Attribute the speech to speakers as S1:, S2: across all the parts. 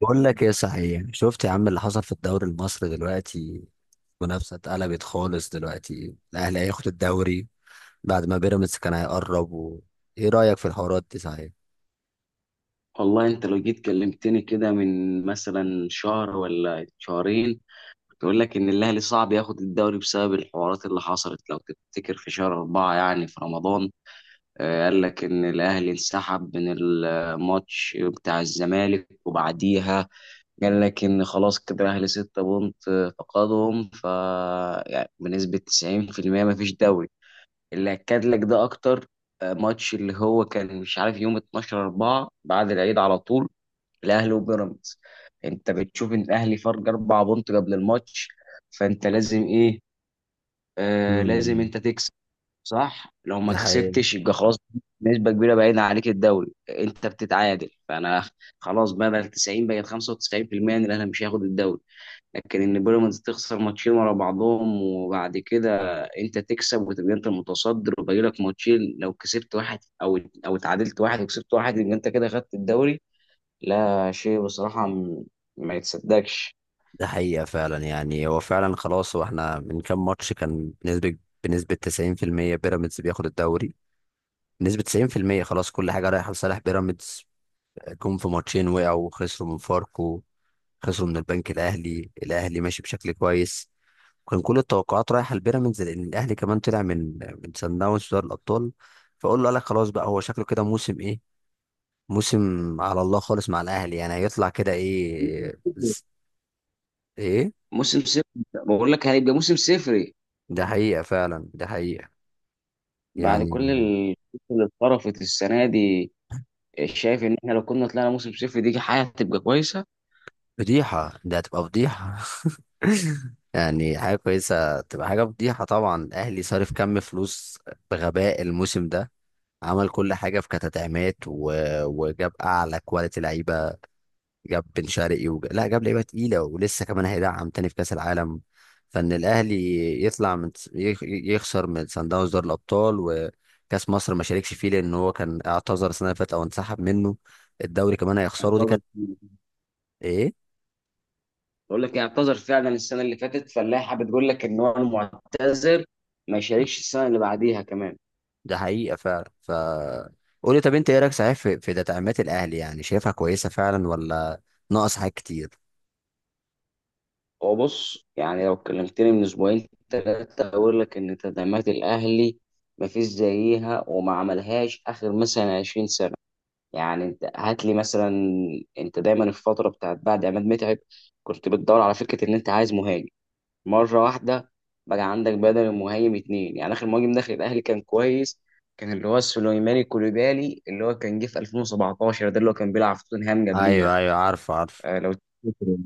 S1: بقول لك ايه صحيح؟ شفت يا عم اللي حصل في الدوري المصري دلوقتي؟ منافسة اتقلبت خالص دلوقتي، الاهلي هياخد الدوري بعد ما بيراميدز كان هيقرب و... ايه رأيك في الحوارات دي صحيح؟
S2: والله انت لو جيت كلمتني كده من مثلا شهر ولا شهرين، كنت اقول لك ان الاهلي صعب ياخد الدوري بسبب الحوارات اللي حصلت. لو تفتكر في شهر أربعة يعني في رمضان. قال لك ان الاهلي انسحب من الماتش بتاع الزمالك وبعديها قال لك ان خلاص كده الاهلي ستة بونت، فقدهم. يعني بنسبة 90% ما فيش دوري. اللي اكد لك ده اكتر ماتش اللي هو كان مش عارف يوم 12 4 بعد العيد على طول، الاهلي وبيراميدز. انت بتشوف ان الاهلي فرق اربع بونت قبل الماتش، فانت لازم ايه؟ لازم
S1: امم.
S2: انت تكسب، صح؟ لو ما
S1: ده حقيقة.
S2: كسبتش يبقى خلاص، نسبه كبيره بعيدة عليك الدوري. انت بتتعادل، فانا خلاص بدل 90 بقت 95% ان الاهلي مش هياخد الدوري. لكن ان بيراميدز تخسر ماتشين ورا بعضهم وبعد كده انت تكسب وتبقى انت المتصدر، وباقي لك ماتشين، لو كسبت واحد او اتعادلت واحد وكسبت واحد يبقى انت كده خدت الدوري. لا شيء بصراحة ما يتصدقش.
S1: ده حقيقة فعلا، يعني هو فعلا خلاص. واحنا من كام ماتش كان بنسبة 90% بيراميدز بياخد الدوري، بنسبة 90% خلاص، كل حاجة رايحة لصالح بيراميدز. جم في ماتشين وقعوا وخسروا من فاركو، خسروا من البنك الأهلي. الأهلي ماشي بشكل كويس. كان كل التوقعات رايحه لبيراميدز لان الاهلي كمان طلع من سان داونز في دوري الابطال. فقول له، قال لك خلاص بقى، هو شكله كده موسم ايه، موسم... على الله خالص مع الاهلي، يعني هيطلع كده ايه، ايه.
S2: موسم صفر، بقول لك هيبقى موسم صفري
S1: ده حقيقه فعلا، ده حقيقه.
S2: بعد كل
S1: يعني
S2: القصة اللي اتطرفت السنة دي. شايف ان احنا لو كنا طلعنا موسم صفر دي حاجة هتبقى كويسة؟
S1: فضيحه، ده هتبقى فضيحه. يعني حاجه كويسه تبقى حاجه فضيحه؟ طبعا الاهلي صارف كم فلوس بغباء الموسم ده، عمل كل حاجه في كتدعيمات و... وجاب اعلى كواليتي لعيبه، جاب بن شرقي لا، جاب لعيبه تقيله، ولسه كمان هيدعم تاني في كاس العالم. فان الاهلي يطلع من يخسر من سان داونز دوري الابطال، وكاس مصر ما شاركش فيه لان هو كان اعتذر السنه اللي فاتت او انسحب منه، الدوري كمان هيخسره، دي
S2: اعتذر،
S1: كانت... ايه؟
S2: بقول لك اعتذر فعلا السنة اللي فاتت، فاللائحة بتقول لك ان هو المعتذر ما يشاركش السنة اللي بعديها كمان.
S1: ده حقيقه فعلا، ف... قولي طب، انت ايه رايك صحيح في تدعيمات الاهلي، يعني شايفها كويسه فعلا، ولا ناقص حاجات كتير؟
S2: هو بص، يعني لو كلمتني من اسبوعين ثلاثة اقول لك ان تدعيمات الاهلي ما فيش زيها وما عملهاش اخر مثلا 20 سنة. يعني انت هات لي مثلا، انت دايما في الفتره بتاعت بعد عماد متعب كنت بتدور على فكره ان انت عايز مهاجم. مره واحده بقى عندك بدل المهاجم اتنين. يعني اخر مهاجم داخل الاهلي كان كويس، كان اللي هو سليماني كوليبالي اللي هو كان جه في 2017، ده اللي هو كان بيلعب في توتنهام قبليها،
S1: ايوه ايوه، عارف عارف.
S2: آه لو تفتكر.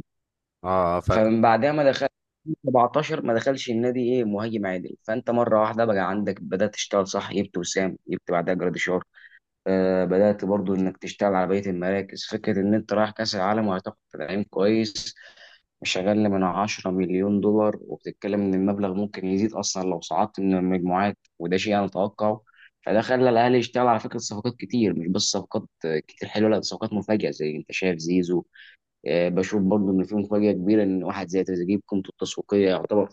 S1: اه آه، فاكر.
S2: فمن بعدها ما دخل 17 ما دخلش النادي ايه مهاجم عادل. فانت مره واحده بقى عندك بدات تشتغل صح، جبت وسام، جبت بعدها جراديشار. بدأت برضو إنك تشتغل على بقية المراكز، فكرة إن أنت رايح كأس العالم وهتاخد تدعيم كويس مش أقل من 10 مليون دولار، وبتتكلم إن المبلغ ممكن يزيد أصلا لو صعدت من المجموعات، وده شيء أنا أتوقعه. فده خلى الأهلي يشتغل على فكرة صفقات كتير، مش بس صفقات كتير حلوة، لا ده صفقات مفاجئة زي أنت شايف زيزو. بشوف برضو إن في مفاجأة كبيرة إن واحد زي تريزيجيه بقيمته التسويقية يعتبر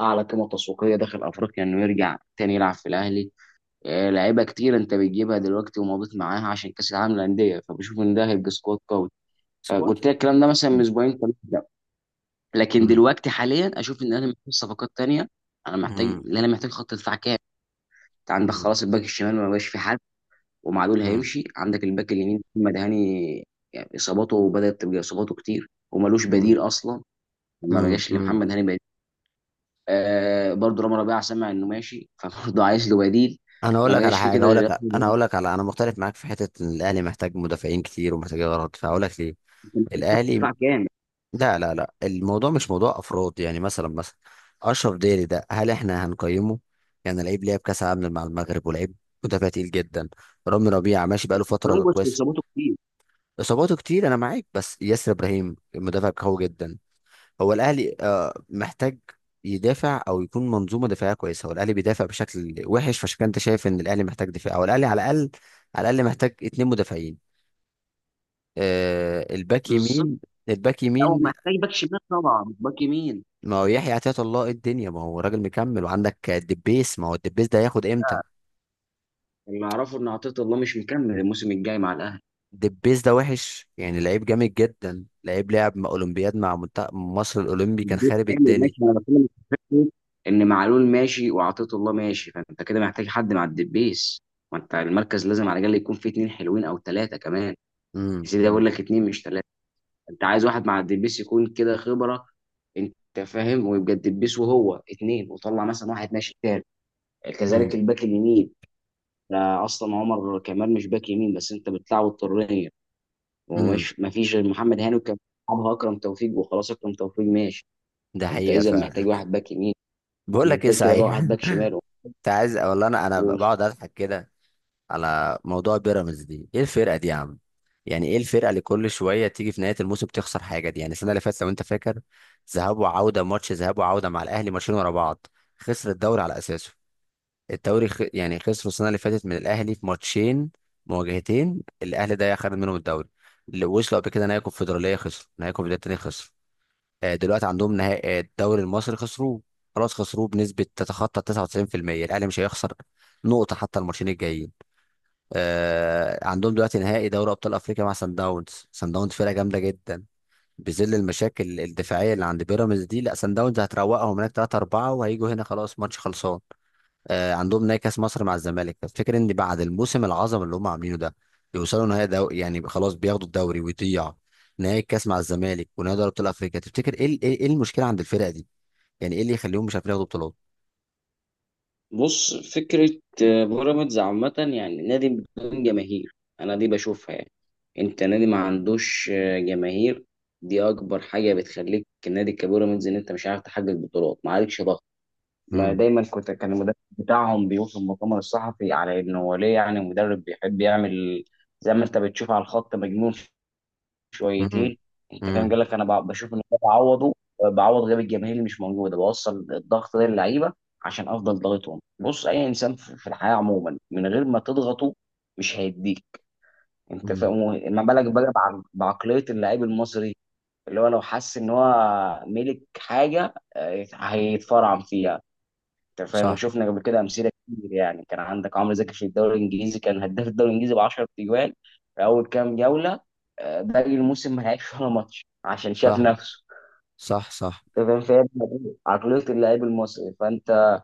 S2: أعلى قيمة تسويقية داخل أفريقيا إنه يرجع تاني يلعب في الأهلي. لعيبه كتير انت بتجيبها دلوقتي ومضيت معاها عشان كاس العالم للانديه، فبشوف ان ده هيبقى سكواد قوي.
S1: سكواد.
S2: فقلت لك الكلام ده مثلا من اسبوعين ثلاثه. لا. لكن
S1: امم.
S2: دلوقتي حاليا اشوف ان انا محتاج صفقات تانية.
S1: امم.
S2: انا محتاج خط دفاع كامل. انت عندك خلاص الباك الشمال ما بقاش في حد، ومعلول
S1: امم.
S2: هيمشي. عندك الباك اليمين محمد هاني، يعني اصاباته بدات تبقى اصاباته كتير وملوش بديل
S1: امم.
S2: اصلا. ما بقاش
S1: امم.
S2: لمحمد هاني بديل. برضه رامي ربيعه سمع انه ماشي، فبرضه عايز له بديل.
S1: انا اقول
S2: ما
S1: لك على
S2: بقاش في
S1: حاجه،
S2: كده
S1: اقول
S2: غير
S1: لك، انا اقول لك على، انا مختلف معاك في حته، ان الاهلي محتاج مدافعين كتير ومحتاج غلط، فهقول لك ليه.
S2: خط
S1: الاهلي...
S2: دفاع كامل.
S1: لا لا لا، الموضوع مش موضوع افراد، يعني مثلا اشرف داري ده، هل احنا هنقيمه؟ يعني لعيب لعب كاس عالم مع المغرب، ولعيب مدافع تقيل جدا. رامي ربيعه ماشي بقاله فتره
S2: كولومبوس
S1: كويسه،
S2: بيظبطه كتير.
S1: اصاباته كتير، انا معاك، بس ياسر ابراهيم المدافع قوي جدا. هو الاهلي آه، محتاج يدافع او يكون منظومه دفاعيه كويسه، هو الاهلي بيدافع بشكل وحش، فعشان كده انت شايف ان الاهلي محتاج دفاع، او الاهلي على الاقل، على الاقل محتاج اتنين مدافعين. آه الباك
S2: بالظبط.
S1: يمين، الباك
S2: لا هو
S1: يمين.
S2: محتاج باك شمال طبعا، مش باك يمين.
S1: ما هو يحيى عطية الله، إيه الدنيا، ما هو راجل مكمل، وعندك دبيس، ما هو الدبيس ده هياخد امتى؟
S2: اللي اعرفه ان عطيه الله مش مكمل الموسم الجاي مع الاهلي.
S1: دبيس ده وحش، يعني لعيب جامد جدا، لعيب لعب مع اولمبياد، مع منتخب مصر الاولمبي كان
S2: الدور
S1: خارب
S2: كامل
S1: الدنيا.
S2: ماشي. انا بتكلم في فكره ان معلول ماشي وعطيه الله ماشي، فانت كده محتاج حد مع الدبيس. ما انت المركز لازم على الاقل يكون فيه اتنين حلوين او ثلاثه كمان. يا سيدي
S1: امم.
S2: اقول لك اتنين مش ثلاثه. انت عايز واحد مع الدبيس يكون كده خبره، انت فاهم، ويبقى الدبيس وهو اتنين وطلع مثلا واحد ماشي تاني.
S1: امم.
S2: كذلك الباك اليمين. لا اصلا عمر كمال مش باك يمين بس انت بتلعبه الطريه.
S1: امم.
S2: ومش ما فيش غير محمد هاني، وكان بيلعبها اكرم توفيق وخلاص، اكرم توفيق ماشي.
S1: ده
S2: انت
S1: حقيقة
S2: اذا محتاج
S1: فعلا.
S2: واحد باك يمين،
S1: بقول لك ايه
S2: محتاج كده بقى
S1: صحيح،
S2: واحد باك شمال.
S1: انت عايز، والله انا، انا
S2: و-
S1: بقعد اضحك كده على موضوع بيراميدز دي، ايه الفرقه دي يا عم؟ يعني ايه الفرقه اللي كل شويه تيجي في نهايه الموسم تخسر حاجه دي؟ يعني السنه اللي فاتت لو انت فاكر، ذهاب وعوده، ماتش ذهاب وعوده مع الاهلي، ماتشين ورا بعض، خسر الدوري على اساسه. الدوري خ... يعني خسر السنه اللي فاتت من الاهلي في ماتشين، مواجهتين الاهلي ده خد منهم الدوري. اللي وصلوا قبل كده نهائي كونفدراليه، خسر نهائي كونفدراليه، تاني خسر. آه، دلوقتي عندهم نهائي آه، الدوري المصري خسروه، خلاص خسروه بنسبة تتخطى 99%، الأهلي مش هيخسر نقطة حتى الماتشين الجايين. آه، عندهم دلوقتي نهائي دوري أبطال أفريقيا مع سان داونز، سان داونز فرقة جامدة جدا، بظل المشاكل الدفاعية اللي عند بيراميدز دي، لا سان داونز هتروقهم هناك 3-4 وهيجوا هنا خلاص ماتش خلصان. آه، عندهم نهائي كاس مصر مع الزمالك، تفتكر ان بعد الموسم العظمه اللي هم عاملينه ده يوصلوا نهائي دو... يعني خلاص بياخدوا الدوري ويضيع نهائي الكاس مع الزمالك ونهائي دوري ابطال افريقيا؟ تفتكر ايه ايه إيه المشكله عند الفرقه دي؟ يعني ايه اللي يخليهم مش عارفين ياخدوا بطولات؟
S2: بص فكره، بيراميدز عامه يعني نادي بدون جماهير. انا دي بشوفها، يعني انت نادي ما عندوش جماهير. دي اكبر حاجه بتخليك النادي كبيراميدز ان انت مش عارف تحقق بطولات، ما عليكش ضغط. ما
S1: امم.
S2: دايما كان المدرب بتاعهم بيوصف مؤتمر الصحفي على انه هو ليه، يعني مدرب بيحب يعمل زي ما انت بتشوف على الخط، مجنون
S1: امم.
S2: شويتين. انت فاهم،
S1: امم.
S2: قال لك انا بشوف ان أنا بعوضه، بعوض غياب الجماهير اللي مش موجوده، بوصل الضغط ده للعيبه عشان افضل ضاغطهم. بص اي انسان في الحياه عموما من غير ما تضغطه مش هيديك. انت
S1: أمم.
S2: فاهم، ما بالك بقى بعقليه اللاعب المصري اللي هو لو حس ان هو ملك حاجه هيتفرعن فيها. انت فاهم،
S1: صح.
S2: وشفنا قبل كده امثله كتير، يعني كان عندك عمرو زكي في الدوري الانجليزي كان هداف الدوري الانجليزي ب 10 تجوان في اول كام جوله. باقي الموسم ما لعبش ولا ماتش عشان شاف
S1: صح
S2: نفسه.
S1: صح. صح.
S2: انت فاهم، فهي دي عقليه اللاعب المصري. فانت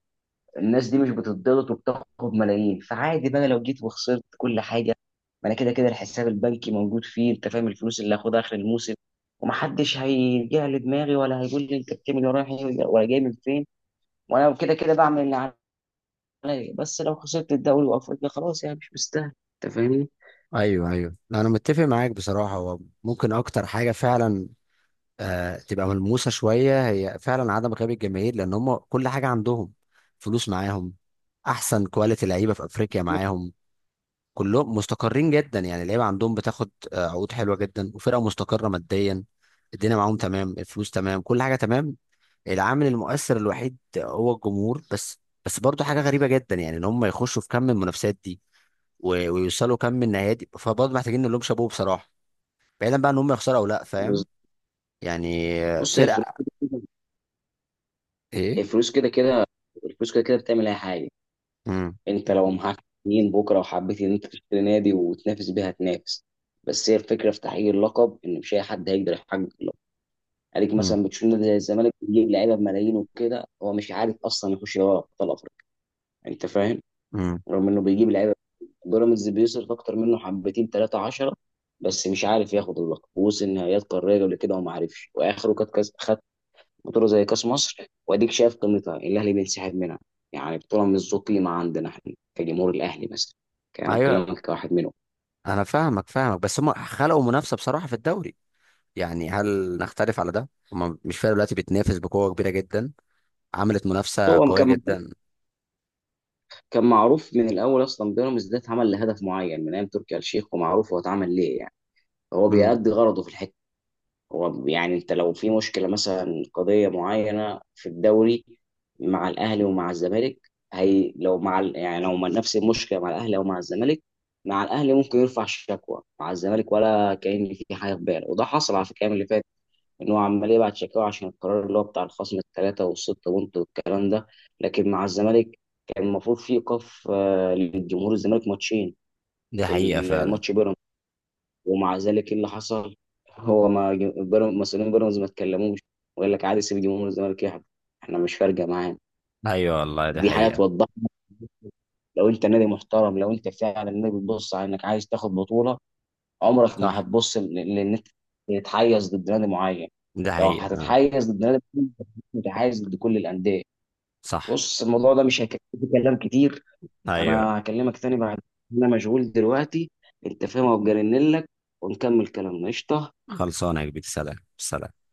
S2: الناس دي مش بتضغط وبتاخد ملايين، فعادي بقى لو جيت وخسرت كل حاجه. ما انا كده كده الحساب البنكي موجود فيه، انت فاهم، الفلوس اللي هاخدها اخر الموسم. ومحدش هيجي لي دماغي ولا هيقول لي انت بتعمل ورايح إيه ولا جاي من فين، وانا كده كده بعمل اللي عليا. بس لو خسرت الدوري وافريقيا خلاص، يعني مش مستاهل. انت فاهمني؟
S1: ايوه ايوه، انا متفق معاك بصراحه، هو ممكن اكتر حاجه فعلا آه، تبقى ملموسه شويه، هي فعلا عدم غياب الجماهير، لان هم كل حاجه عندهم، فلوس معاهم، احسن كواليتي لعيبه في افريقيا معاهم، كلهم مستقرين جدا، يعني اللعيبه عندهم بتاخد آه، عقود حلوه جدا، وفرقه مستقره ماديا، الدنيا معاهم تمام، الفلوس تمام، كل حاجه تمام، العامل المؤثر الوحيد هو الجمهور بس. بس برضه حاجه غريبه جدا يعني، ان هم يخشوا في كم من المنافسات دي ويوصلوا كم من النهائيات دي، فبرضه محتاجين نقول لهم شابوه بصراحه، بعيدا بقى ان هم يخسروا او لا،
S2: بس
S1: فاهم؟ يعني آه،
S2: بص، هي الفلوس
S1: فرقه
S2: كده،
S1: ايه.
S2: الفلوس كده كده، الفلوس كده كده بتعمل اي حاجه. انت لو معاك اتنين بكره وحبيت ان انت تشتري نادي وتنافس بيها تنافس. بس هي الفكره في تحقيق اللقب ان مش اي حد هيقدر يحقق اللقب. عليك
S1: مم.
S2: مثلا بتشوف نادي زي الزمالك بيجيب لعيبه بملايين، وكده هو مش عارف اصلا يخش دوري ابطال افريقيا. انت فاهم،
S1: مم.
S2: رغم انه بيجيب لعيبه. بيراميدز بيصرف اكتر منه حبتين ثلاثة عشرة، بس مش عارف ياخد اللقب، ووصل نهائيات قاريه قبل كده وما عرفش، واخره كانت كاس خد بطوله زي كاس مصر واديك شايف قيمتها، الاهلي بينسحب منها. يعني بطوله مش ذو قيمه عندنا احنا كجمهور الاهلي مثلا، كان انا
S1: ايوه،
S2: بكلمك كواحد منهم.
S1: انا فاهمك فاهمك، بس هم خلقوا منافسه بصراحه في الدوري، يعني هل نختلف على ده؟ هم مش فارق دلوقتي، بتنافس بقوه كبيره جدا، عملت منافسه
S2: هو
S1: قويه
S2: كان
S1: جدا.
S2: كان معروف من الاول اصلا بيراميدز ده اتعمل لهدف معين من ايام تركي آل الشيخ، ومعروف هو اتعمل ليه، يعني هو
S1: مم.
S2: بيأدي غرضه في الحته. هو يعني انت لو في مشكله مثلا قضيه معينه في الدوري مع الاهلي ومع الزمالك، هي لو نفس المشكله مع الاهلي او مع الزمالك، مع الاهلي ممكن يرفع شكوى، مع الزمالك ولا كأن في حاجه في باله. وده حصل على فكره الأيام اللي فات، ان هو عمال يبعت شكاوى عشان القرار اللي هو بتاع الخصم الثلاثه والسته بونت والكلام ده. لكن مع الزمالك كان المفروض في ايقاف للجمهور الزمالك ماتشين
S1: دي
S2: في
S1: حقيقة فعلا.
S2: الماتش بيراميدز، ومع ذلك ايه اللي حصل؟ هو ما ج- بيراميدز- مسؤولين بيراميدز ما اتكلموش، وقال لك عادي سيب جمهور الزمالك يحضر، احنا مش فارقه معانا.
S1: ايوه والله دي
S2: دي حاجه
S1: حقيقة.
S2: توضح لك، لو انت نادي محترم، لو انت فعلا نادي بتبص على انك عايز تاخد بطوله، عمرك ما
S1: صح.
S2: هتبص لان انت تتحيز ضد نادي معين.
S1: دي
S2: لو
S1: حقيقة.
S2: هتتحيز ضد نادي معين، متحيز ضد كل الانديه.
S1: صح.
S2: بص الموضوع ده مش هيكفي، كلام كتير.
S1: ايوه.
S2: انا هكلمك تاني بعد، انا مجهول دلوقتي، انت فاهم، وجرنلك، ونكمل كلامنا، قشطه.
S1: خلصانة يا كبير، سلام سلام.